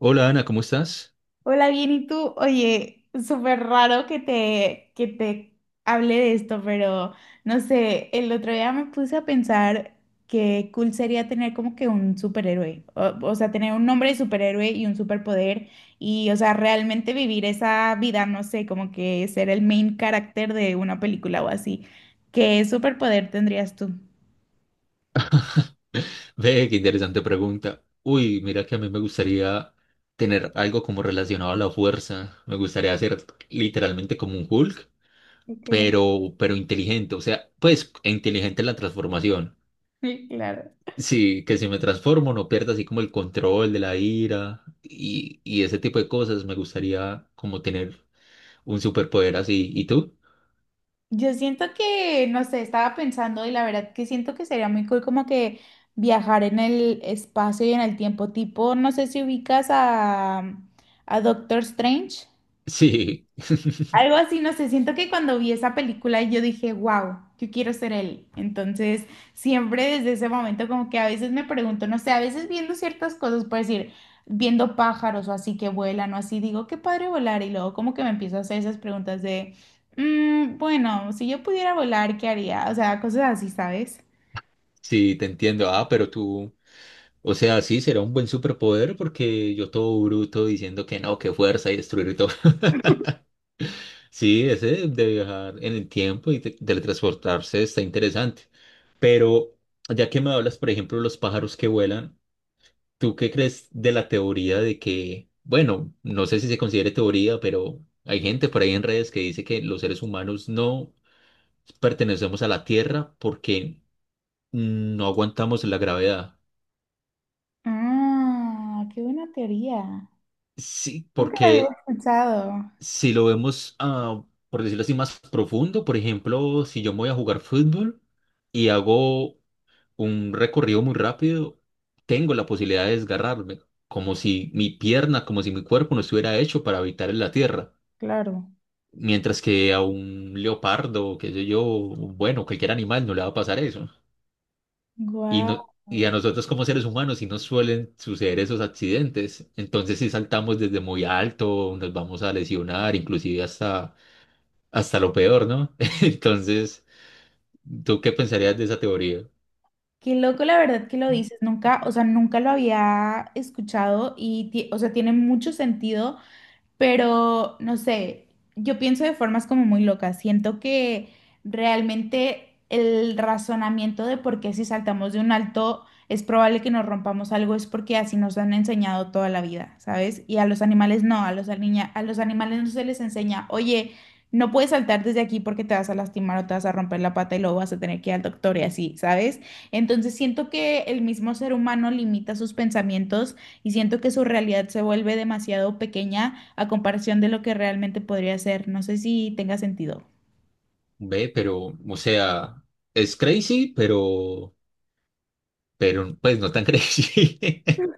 Hola Ana, ¿cómo estás? Hola, bien, ¿y tú? Oye, súper raro que te hable de esto, pero no sé, el otro día me puse a pensar que cool sería tener como que un superhéroe, o sea, tener un nombre de superhéroe y un superpoder y, o sea, realmente vivir esa vida, no sé, como que ser el main character de una película o así. ¿Qué superpoder tendrías tú? Ve, qué interesante pregunta. Uy, mira que a mí me gustaría tener algo como relacionado a la fuerza. Me gustaría hacer literalmente como un Hulk, Ok, pero inteligente. O sea, pues e inteligente en la transformación. sí, claro. Sí, que si me transformo no pierda así como el control de la ira y ese tipo de cosas. Me gustaría como tener un superpoder así. ¿Y tú? Yo siento que, no sé, estaba pensando y la verdad que siento que sería muy cool como que viajar en el espacio y en el tiempo, tipo, no sé si ubicas a Doctor Strange. Sí, Algo así, no sé, siento que cuando vi esa película yo dije, wow, yo quiero ser él. Entonces, siempre desde ese momento como que a veces me pregunto, no sé, a veces viendo ciertas cosas, por decir, viendo pájaros o así que vuelan o así, digo, qué padre volar. Y luego como que me empiezo a hacer esas preguntas de, bueno, si yo pudiera volar, ¿qué haría?" O sea, cosas así, ¿sabes? sí, te entiendo. Ah, pero tú. O sea, sí, será un buen superpoder porque yo todo bruto diciendo que no, que fuerza y destruir y todo. Sí, ese de viajar en el tiempo y teletransportarse está interesante. Pero ya que me hablas, por ejemplo, de los pájaros que vuelan, ¿tú qué crees de la teoría de que, bueno, no sé si se considere teoría, pero hay gente por ahí en redes que dice que los seres humanos no pertenecemos a la Tierra porque no aguantamos la gravedad? Ah, qué buena teoría. Sí, Nunca la había porque escuchado. si lo vemos, ah, por decirlo así, más profundo, por ejemplo, si yo me voy a jugar fútbol y hago un recorrido muy rápido, tengo la posibilidad de desgarrarme, como si mi pierna, como si mi cuerpo no estuviera hecho para habitar en la tierra. Claro. Mientras que a un leopardo, qué sé yo, bueno, cualquier animal no le va a pasar eso. Y Guau. no, y a nosotros como seres humanos sí nos suelen suceder esos accidentes. Entonces si saltamos desde muy alto, nos vamos a lesionar, inclusive hasta hasta lo peor, ¿no? Entonces, ¿tú qué pensarías de esa teoría? Qué loco, la verdad que lo dices, nunca, o sea, nunca lo había escuchado y, ti- o sea, tiene mucho sentido pero, no sé, yo pienso de formas como muy locas. Siento que realmente el razonamiento de por qué si saltamos de un alto es probable que nos rompamos algo es porque así nos han enseñado toda la vida, ¿sabes? Y a los animales no, a los, aliña- a los animales no se les enseña, oye, no puedes saltar desde aquí porque te vas a lastimar o te vas a romper la pata y luego vas a tener que ir al doctor y así, ¿sabes? Entonces siento que el mismo ser humano limita sus pensamientos y siento que su realidad se vuelve demasiado pequeña a comparación de lo que realmente podría ser. No sé si tenga sentido. Ve, pero, o sea, es crazy, pero, pues no tan crazy.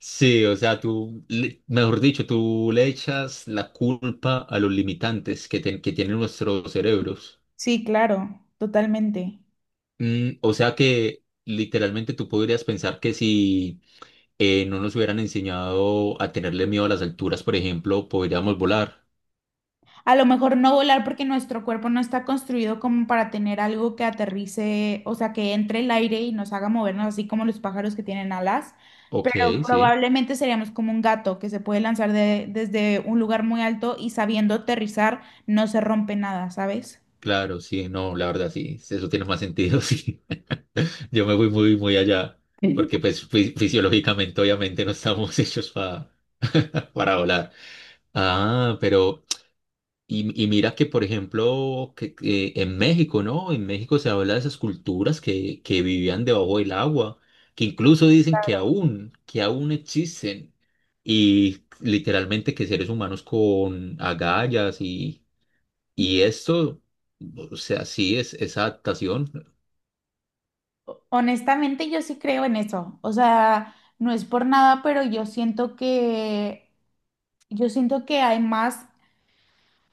Sí, o sea, tú, mejor dicho, tú le echas la culpa a los limitantes que tienen nuestros cerebros. Sí, claro, totalmente. Mm, o sea que literalmente tú podrías pensar que si no nos hubieran enseñado a tenerle miedo a las alturas, por ejemplo, podríamos volar. A lo mejor no volar porque nuestro cuerpo no está construido como para tener algo que aterrice, o sea, que entre el aire y nos haga movernos, así como los pájaros que tienen alas, Ok, pero sí. probablemente seríamos como un gato que se puede lanzar de- desde un lugar muy alto y sabiendo aterrizar no se rompe nada, ¿sabes? Claro, sí, no, la verdad sí, eso tiene más sentido, sí. Yo me fui muy, muy allá, Sí. porque pues fisiológicamente obviamente no estamos hechos para volar. Ah, pero, y mira que por ejemplo, que en México, ¿no? En México se habla de esas culturas que vivían debajo del agua, que incluso dicen que aún existen, y literalmente que seres humanos con agallas y esto... O sea, sí, es, esa adaptación. Honestamente, yo sí creo en eso. O sea, no es por nada, pero yo siento que yo siento que hay más,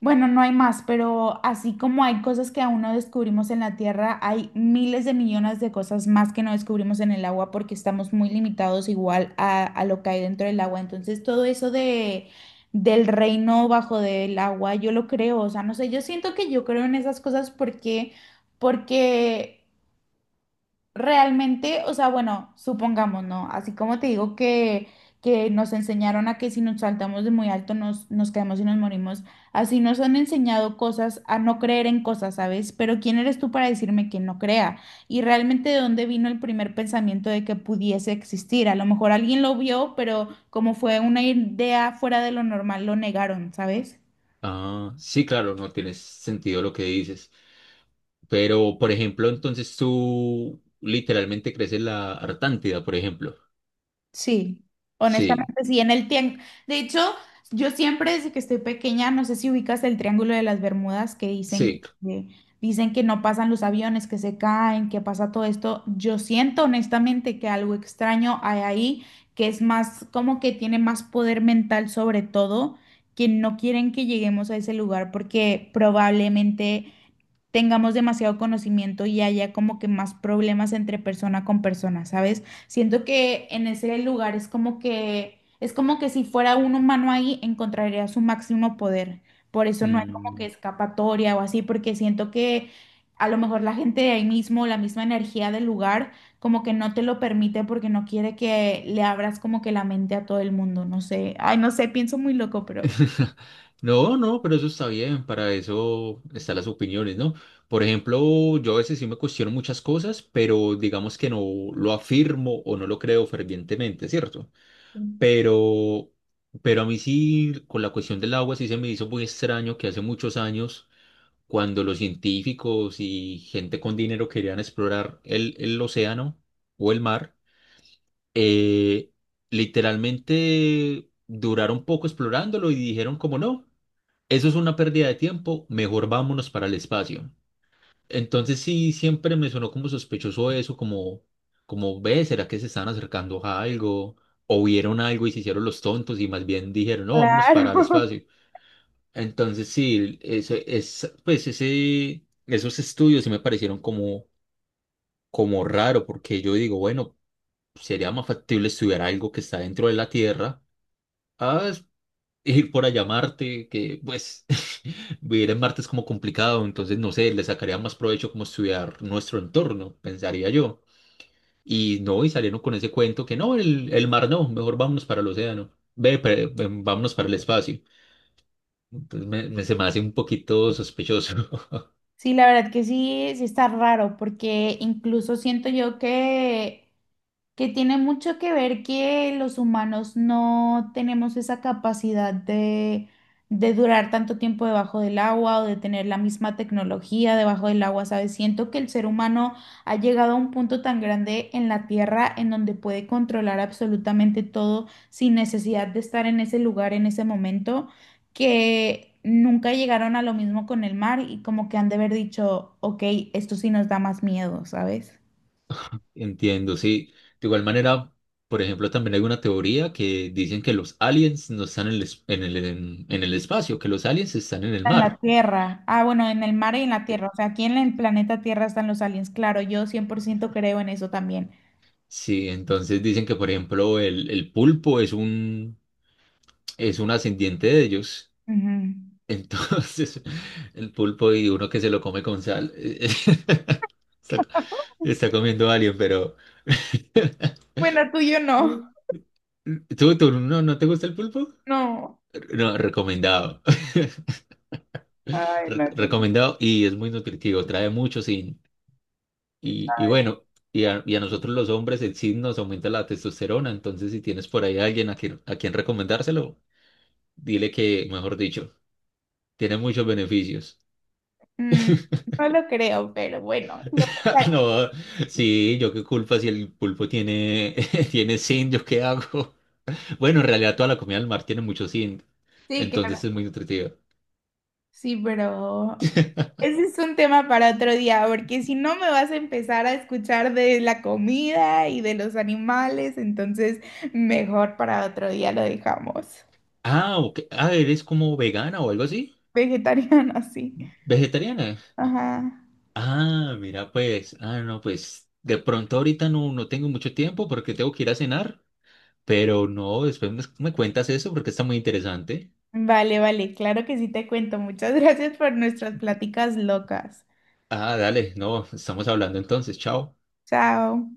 bueno, no hay más, pero así como hay cosas que aún no descubrimos en la Tierra, hay miles de millones de cosas más que no descubrimos en el agua porque estamos muy limitados igual a lo que hay dentro del agua. Entonces, todo eso de del reino bajo del agua, yo lo creo, o sea, no sé, yo siento que yo creo en esas cosas porque realmente, o sea, bueno, supongamos, ¿no? Así como te digo que nos enseñaron a que si nos saltamos de muy alto nos caemos y nos morimos, así nos han enseñado cosas a no creer en cosas, ¿sabes? Pero ¿quién eres tú para decirme que no crea? Y realmente de dónde vino el primer pensamiento de que pudiese existir. A lo mejor alguien lo vio, pero como fue una idea fuera de lo normal, lo negaron, ¿sabes? Ah, sí, claro, no tienes sentido lo que dices. Pero, por ejemplo, entonces tú literalmente crees en la Artántida, por ejemplo. Sí, Sí, honestamente sí, en el tiempo. De hecho, yo siempre desde que estoy pequeña, no sé si ubicas el Triángulo de las Bermudas que dicen sí. que, dicen que no pasan los aviones, que se caen, que pasa todo esto. Yo siento honestamente que algo extraño hay ahí, que es más como que tiene más poder mental sobre todo, que no quieren que lleguemos a ese lugar porque probablemente tengamos demasiado conocimiento y haya como que más problemas entre persona con persona, ¿sabes? Siento que en ese lugar es como que si fuera un humano ahí, encontraría su máximo poder. Por eso no hay como que Mm. escapatoria o así, porque siento que a lo mejor la gente de ahí mismo, la misma energía del lugar, como que no te lo permite porque no quiere que le abras como que la mente a todo el mundo, no sé. Ay, no sé, pienso muy loco, pero... No, no, pero eso está bien, para eso están las opiniones, ¿no? Por ejemplo, yo a veces sí me cuestiono muchas cosas, pero digamos que no lo afirmo o no lo creo fervientemente, ¿cierto? Pero, pero a mí sí, con la cuestión del agua, sí se me hizo muy extraño que hace muchos años cuando los científicos y gente con dinero querían explorar el océano o el mar, eh, literalmente duraron poco explorándolo y dijeron como no, eso es una pérdida de tiempo, mejor vámonos para el espacio. Entonces sí, siempre me sonó como sospechoso eso, como, como ve, ¿será que se están acercando a algo? O vieron algo y se hicieron los tontos y más bien dijeron, no, vámonos Claro. para el espacio. Entonces, sí, eso es, pues ese, esos estudios sí me parecieron como, como raro, porque yo digo, bueno, sería más factible estudiar algo que está dentro de la Tierra a ir por allá a Marte, que pues vivir en Marte es como complicado, entonces no sé, le sacaría más provecho como estudiar nuestro entorno, pensaría yo. Y no, y salieron con ese cuento que no, el mar no, mejor vámonos para el océano, ve, vámonos para el espacio. Entonces me, se me hace un poquito sospechoso. Sí, la verdad que sí, sí está raro, porque incluso siento yo que tiene mucho que ver que los humanos no tenemos esa capacidad de durar tanto tiempo debajo del agua o de tener la misma tecnología debajo del agua, ¿sabes? Siento que el ser humano ha llegado a un punto tan grande en la Tierra en donde puede controlar absolutamente todo sin necesidad de estar en ese lugar en ese momento, que nunca llegaron a lo mismo con el mar y como que han de haber dicho, ok, esto sí nos da más miedo, ¿sabes? Entiendo, sí. De igual manera, por ejemplo, también hay una teoría que dicen que los aliens no están en el, en el, en el espacio, que los aliens están en el En la mar. Tierra. Ah, bueno, en el mar y en la Eh, Tierra. O sea, aquí en el planeta Tierra están los aliens. Claro, yo 100% creo en eso también. Sí, entonces dicen que, por ejemplo, el pulpo es un ascendiente de ellos. Ujú. Entonces, el pulpo y uno que se lo come con sal, está, está comiendo alien, pero... Bueno, tú y yo no. Mm. ¿Tú, tú no, no te gusta el pulpo? No. No, recomendado. Ay, Re- no, qué- Recomendado y es muy nutritivo, trae mucho zinc. Y bueno, y a nosotros los hombres el zinc nos aumenta la testosterona, entonces si tienes por ahí a alguien a quien recomendárselo, dile que, mejor dicho, tiene muchos beneficios. Mm, no lo creo, pero bueno, sí lo pensaré. No, sí, yo qué culpa si el pulpo tiene, tiene zinc, yo qué hago. Bueno, en realidad toda la comida del mar tiene mucho zinc, Sí, claro. entonces es muy nutritiva. Sí, pero ese es un tema para otro día, porque si no me vas a empezar a escuchar de la comida y de los animales, entonces mejor para otro día lo dejamos. Ah, ok. Ah, ¿eres como vegana o algo así? Vegetariano, sí. ¿Vegetariana? Ajá. Ah, mira, pues, ah, no, pues, de pronto ahorita no, no tengo mucho tiempo porque tengo que ir a cenar, pero no, después me, me cuentas eso porque está muy interesante. Vale, vale, claro que sí te cuento. Muchas gracias por nuestras pláticas locas. Ah, dale, no, estamos hablando entonces, chao. Chao.